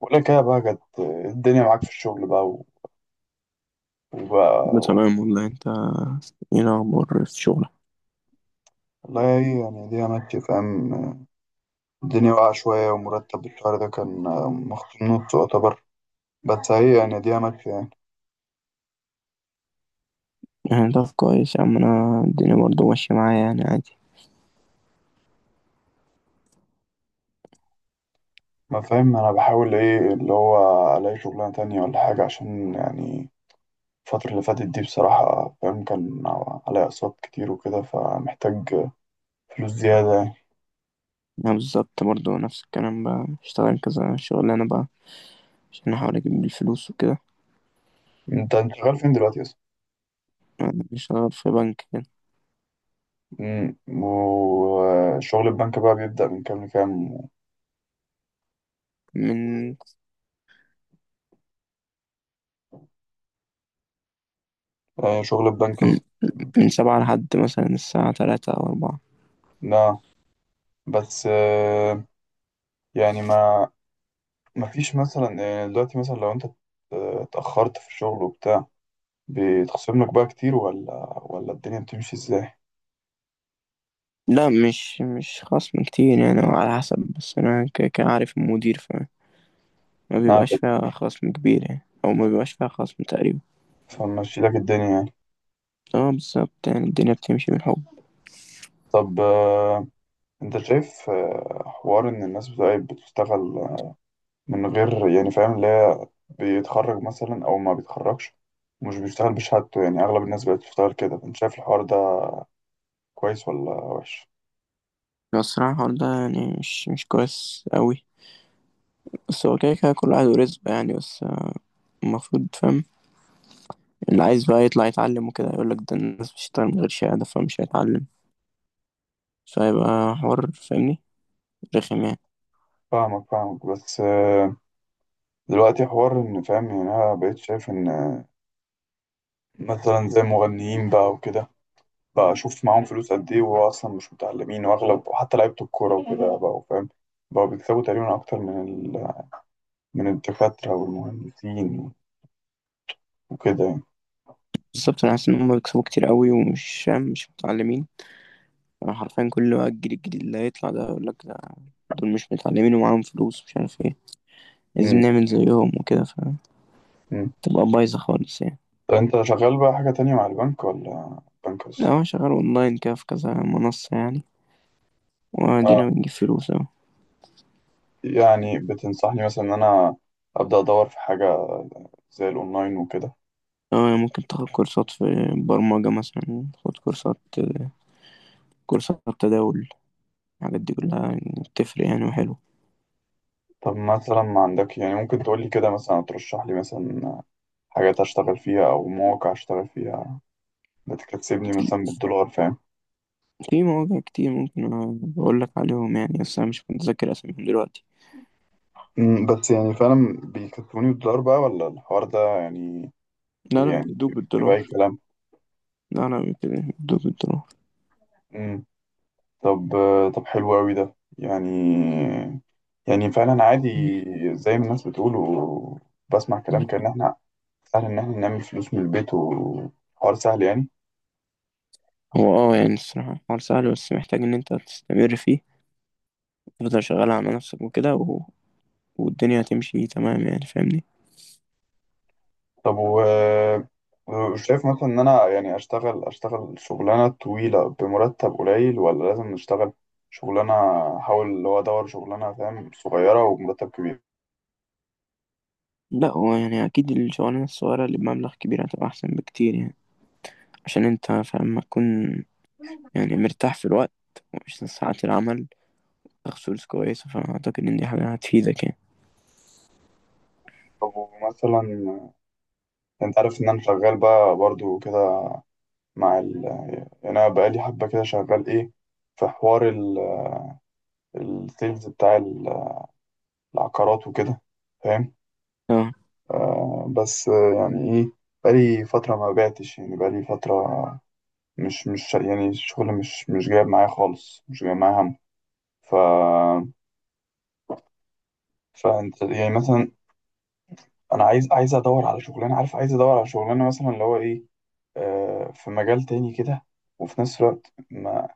ولك يا بقى جت الدنيا معاك في الشغل بقى و- لا، وبقى تمام والله. انت ايه الاخبار في شغلك؟ والله هي يعني دي ماشية، فاهم؟ الدنيا واقعة شوية، ومرتب الشهر ده كان مخصوم نص يعتبر، بس هي يعني دي ماشية يعني. يعني ده كويس يا عم، انا الدنيا برضه ماشيه معايا يعني عادي. ما فاهم أنا بحاول إيه اللي هو ألاقي شغلانة تانية ولا حاجة، عشان يعني الفترة اللي فاتت دي بصراحة، فاهم، كان عليا أقساط كتير وكده، فمحتاج فلوس زيادة يعني. انا بالظبط برضه نفس الكلام، بقى اشتغل كذا شغلانه بقى عشان احاول اجيب الفلوس وكده. أنت شغال فين دلوقتي أصلا؟ انا بشتغل في بنك كده وشغل البنك بقى بيبدأ من كام لكام؟ من شغل البنك. من من 7 لحد مثلا الساعة 3 أو 4. لا بس يعني ما فيش مثلا. دلوقتي مثلا لو انت اتأخرت في الشغل وبتاع، بيتخصم لك بقى كتير ولا ولا الدنيا بتمشي ازاي؟ لا، مش خصم كتير يعني، هو على حسب، بس أنا كان عارف المدير، فما نعم. بيبقاش فيها خصم كبير يعني، أو ما بيبقاش فيها خصم تقريبا. فمشي لك الدنيا يعني. اه بالظبط، يعني الدنيا بتمشي بالحب. طب انت شايف حوار ان الناس بتبقى بتشتغل من غير يعني فاهم اللي هي بيتخرج مثلا او ما بيتخرجش ومش بيشتغل بشهادته، يعني اغلب الناس بقت بتشتغل كده، انت شايف الحوار ده كويس ولا وحش؟ بس الصراحة الحوار ده يعني مش كويس أوي، بس هو كده كده كل واحد ورزقه يعني. بس المفروض فاهم، اللي عايز بقى يطلع يتعلم وكده يقولك ده الناس بتشتغل من غير شهادة فمش هيتعلم، فيبقى حوار فاهمني، رخم يعني. فاهمك فاهمك، بس دلوقتي حوار ان فاهم، يعني انا بقيت شايف ان مثلا زي المغنيين بقى وكده، بقى اشوف معاهم فلوس قد ايه وهو اصلا مش متعلمين، واغلب وحتى لعيبه الكوره وكده بقى، فاهم، بقوا بيكسبوا تقريبا اكتر من ال... من الدكاتره والمهندسين وكده يعني. بالظبط، أنا حاسس إن هما بيكسبوا كتير أوي ومش فاهم، مش متعلمين. أنا حرفيا كل بقى الجيل الجديد اللي هيطلع ده يقولك ده دول مش متعلمين ومعاهم فلوس مش عارف ايه، عايزين امم نعمل زيهم وكده. امم فتبقى بايظة خالص يعني. طب انت شغال بقى حاجه تانية مع البنك ولا بنك لا، بس؟ هو شغال أونلاين كده في كذا منصة يعني، وأدينا اه، بنجيب فلوس أهو. يعني بتنصحني مثلا ان انا ابدا ادور في حاجه زي الاونلاين وكده؟ اه يعني ممكن تاخد كورسات في برمجة مثلا، تاخد كورسات تداول، الحاجات دي كلها يعني بتفرق يعني وحلو. طب مثلا ما عندك، يعني ممكن تقولي كده مثلا، ترشح لي مثلا حاجات أشتغل فيها أو مواقع أشتغل فيها بتكسبني في مثلا بالدولار، فاهم؟ في مواقع كتير، ممكن بقول لك عليهم يعني بس انا مش متذكر اساميهم دلوقتي. بس يعني فعلا بيكسبوني بالدولار بقى ولا الحوار ده يعني لا لا، يعني بيدوك بيبقى أي بالدولار. كلام؟ لا لا، بيدوك بالدولار. أمم، طب طب حلو أوي ده يعني، يعني فعلا عادي زي ما الناس بتقول وبسمع كلام، كأن إحنا سهل إن إحنا نعمل فلوس من البيت وحوار سهل يعني. هو يعني الصراحة الحوار سهل، بس محتاج ان انت تستمر فيه، تفضل شغال على نفسك وكده. والدنيا هتمشي تمام يعني فاهمني. طب و شايف مثلا ان انا يعني اشتغل شغلانه طويله بمرتب قليل، ولا لازم نشتغل شغلانه احاول اللي هو ادور شغلانه فاهم صغيره ومرتب كبير؟ لا، هو يعني اكيد الشغلانة الصغيرة اللي بمبلغ كبير هتبقى احسن بكتير يعني، عشان انت فاهم ما تكون يعني مرتاح في الوقت ومش ساعات العمل، تاخد فلوس كويسة، فأعتقد إن دي حاجة هتفيدك يعني. طب مثلا انت عارف ان انا شغال بقى برضو كده مع يعني انا بقالي حبه كده شغال ايه، في حوار السيلز بتاع العقارات وكده، فاهم؟ اه، آه بس يعني ايه، بقالي فتره ما بعتش، يعني بقالي فتره مش يعني الشغل مش جايب معايا خالص، مش جايب معايا هم. ف فانت يعني مثلا، انا عايز ادور على شغلانه، عارف، عايز ادور على شغلانه مثلا اللي هو ايه، في مجال تاني كده، وفي نفس الوقت ما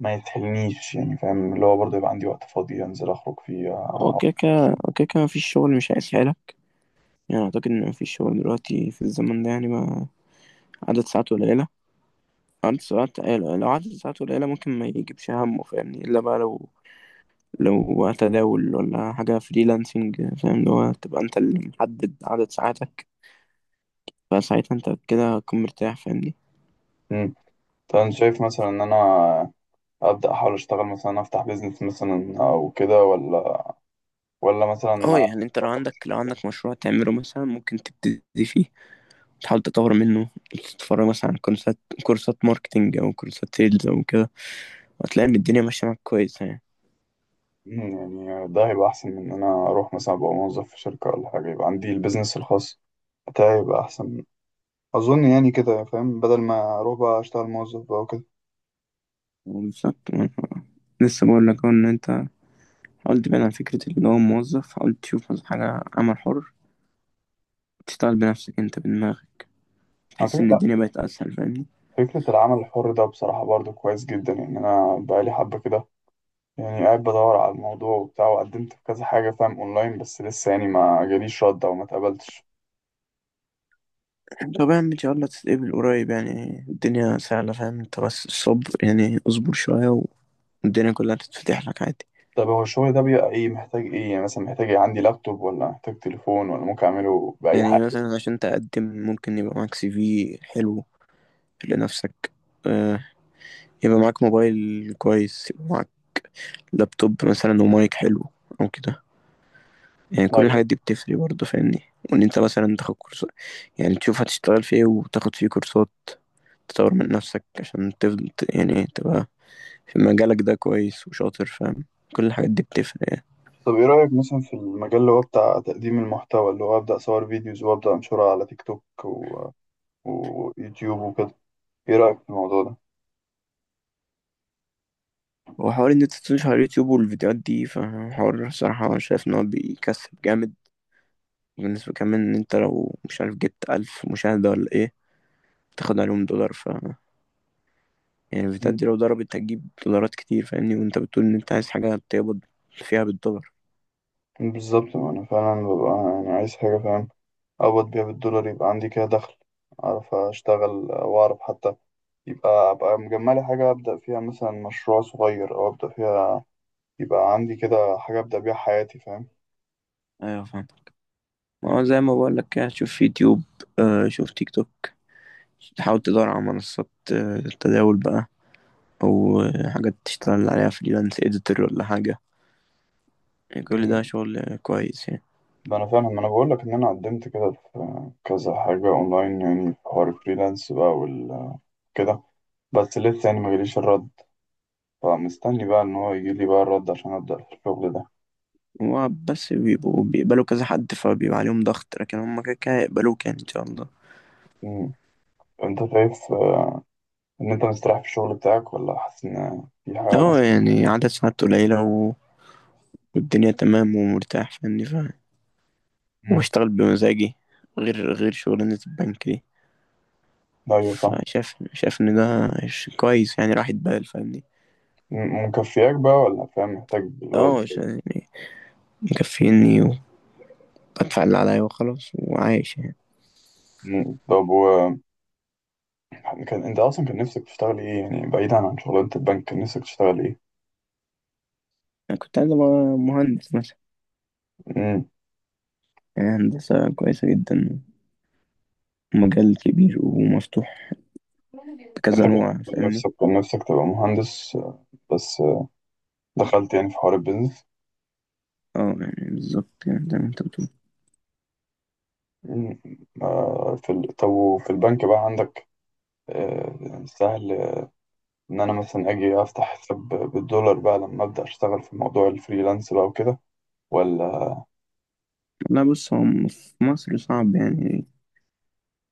ما يتحلنيش يعني فاهم اللي هو برضه يبقى عندي وقت فاضي انزل اخرج فيه. وكيكة وكيكة مفيش شغل مش هيسهلك، يعني أعتقد إن مفيش شغل دلوقتي في الزمن ده يعني ما عدد ساعاته قليلة. عدد ساعات آه، لو عدد ساعاته قليلة ممكن ما يجيبش همه فاهمني، إلا بقى لو تداول ولا حاجة فريلانسنج فاهم اللي هو تبقى أنت اللي محدد عدد ساعاتك، فساعتها أنت كده هتكون مرتاح فاهمني. امم. فانا شايف مثلا ان انا ابدا احاول اشتغل، مثلا افتح بيزنس مثلا او كده، ولا ولا اه مثلا، يعني أنت لو عندك مشروع تعمله مثلا ممكن تبتدي فيه، تحاول تطور منه، تتفرج مثلا على كورسات ماركتينج او كورسات سيلز او كده، وهتلاقي ان الدنيا ماشيه معاك كويسه يعني. يعني ده هيبقى أحسن من إن أنا أروح مثلا أبقى موظف في شركة ولا حاجة، يبقى عندي البيزنس الخاص بتاعي يبقى أحسن، أظن يعني كده، فاهم، بدل ما أروح بقى أشتغل موظف بقى وكده. وبالذات، لسه بقول لك أهو ان انت حاول تبعد عن فكره ان هو موظف، حاول تشوف مثلا حاجه عمل حر، تشتغل بنفسك انت بدماغك، على تحس ان فكرة، الدنيا بقت اسهل فاهمني. فكرة العمل الحر ده بصراحة برضو كويس جدا يعني، أنا بقالي حبة كده يعني قاعد بدور على الموضوع وبتاع، وقدمت في كذا حاجة، فاهم، أونلاين، بس لسه يعني ما جاليش رد أو ما اتقبلتش. طبعا ان شاء الله تتقبل قريب يعني، الدنيا سهله فاهم، انت بس الصبر يعني اصبر شويه والدنيا كلها تتفتح لك عادي. طب هو الشغل ده بيبقى إيه، محتاج إيه يعني، مثلا محتاج إيه، عندي لابتوب ولا محتاج تليفون ولا ممكن أعمله بأي حاجة؟ يعني مثلا عشان تقدم ممكن يبقى معاك CV حلو لنفسك، آه، يبقى معاك موبايل كويس، يبقى معاك لابتوب مثلا ومايك حلو او كده، يعني كل طيب. الحاجات دي بتفرق برضه فاهمني. وان انت مثلا تاخد كورسات، يعني تشوف هتشتغل في ايه وتاخد فيه كورسات، تطور من نفسك عشان تفضل يعني تبقى في مجالك ده كويس وشاطر فاهم، كل الحاجات دي بتفرق يعني. طب ايه رأيك مثلا في المجال اللي هو بتاع تقديم المحتوى، اللي هو أبدأ أصور فيديوز وأبدأ أنشرها على تيك توك ويوتيوب وكده، ايه رأيك في الموضوع ده؟ وحوار ان انت تنشر على اليوتيوب والفيديوهات دي، فحوار صراحة شايف ان هو بيكسب جامد، بالنسبة كمان ان انت لو مش عارف جبت 1000 مشاهدة ولا ايه تاخد عليهم دولار، يعني الفيتات مم. دي لو ضربت هتجيب دولارات كتير فاهمني، وانت بتقول ان انت عايز حاجة تقبض فيها بالدولار. بالظبط، ما أنا فعلا ببقى يعني عايز حاجة، فاهم، أقبض بيها بالدولار، يبقى عندي كده دخل أعرف أشتغل وأعرف حتى يبقى أبقى مجملي حاجة أبدأ فيها مثلا مشروع صغير، أو أبدأ فيها يبقى عندي كده حاجة أبدأ بيها حياتي، فاهم؟ ايوه فاهم، ما هو زي ما بقول لك كده، شوف يوتيوب، آه شوف تيك توك، تحاول تدور على منصات التداول بقى، او حاجات تشتغل عليها فريلانس اديتور ولا حاجة، يعني كل ده أمم، شغل كويس يعني. ما أنا فاهم، ما أنا بقول لك إن أنا قدمت كده في كذا حاجة أونلاين، يعني في حوار الفريلانس بقى وال كده، بس لسه يعني ما جاليش الرد، فمستني بقى ان هو يجيلي بقى الرد عشان ابدا في الشغل ده. هو بس بيبقوا بيقبلوا كذا حد فبيبقى عليهم ضغط، لكن هم كده كده يقبلوك يعني ان شاء الله. مم. انت شايف ان انت مستريح في الشغل بتاعك ولا حاسس ان في حاجه اه مثلا؟ يعني عدد ساعات قليلة والدنيا تمام ومرتاح فاهمني. مم. واشتغل بمزاجي، غير شغلانة البنك دي. ايوه فاهم. فشاف ان ده كويس يعني راحة بال فاهمني. مم، مكفياك بقى ولا فاهم محتاج اللي هو اه تزود؟ يعني مكفيني، وبدفع اللي عليا وخلاص وعايش يعني. مم. طب و كان انت اصلا كان نفسك تشتغل ايه يعني، بعيدا عن شغلانه البنك كان نفسك تشتغل ايه؟ انا كنت عايز ابقى مهندس مثلا، مم. يعني هندسة كويسة جدا، مجال كبير ومفتوح انت بكذا كان نوع فاهمني. نفسك كان نفسك تبقى مهندس، بس دخلت يعني في حوار البيزنس. اه يعني بالظبط، يعني زي ما انت بتقول. مم. في طب وفي البنك بقى عندك سهل إن أنا مثلا أجي أفتح حساب بالدولار بقى لما أبدأ أشتغل في موضوع الفريلانس بقى وكده ولا؟ لا بص، هو في مصر صعب يعني،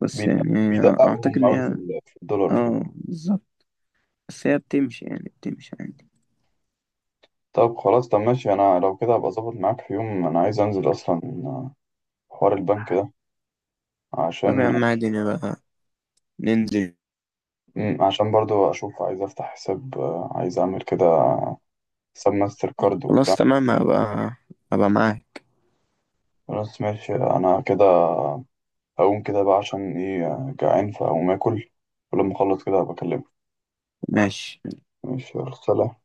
بس يعني بيدققوا اعتقد هم ان أوي في هي، في الدولار وكده؟ اه بالظبط، بس هي بتمشي يعني بتمشي عادي. طب خلاص، طب ماشي، أنا لو كده هبقى أظبط معاك في يوم، أنا عايز أنزل أصلا آه، حوار البنك ده طب يا عشان، عم عادي نبقى ننزل. مم، عشان برضو أشوف عايز أفتح حساب، عايز أعمل كده حساب ماستر كارد خلاص وبتاع. تمام، هبقى معاك. خلاص ماشي، أنا كده هقوم كده بقى، عشان إيه، جعان، فهقوم آكل ولما أخلص كده هبقى أكلمك. ماشي. ماشي يلا، سلام.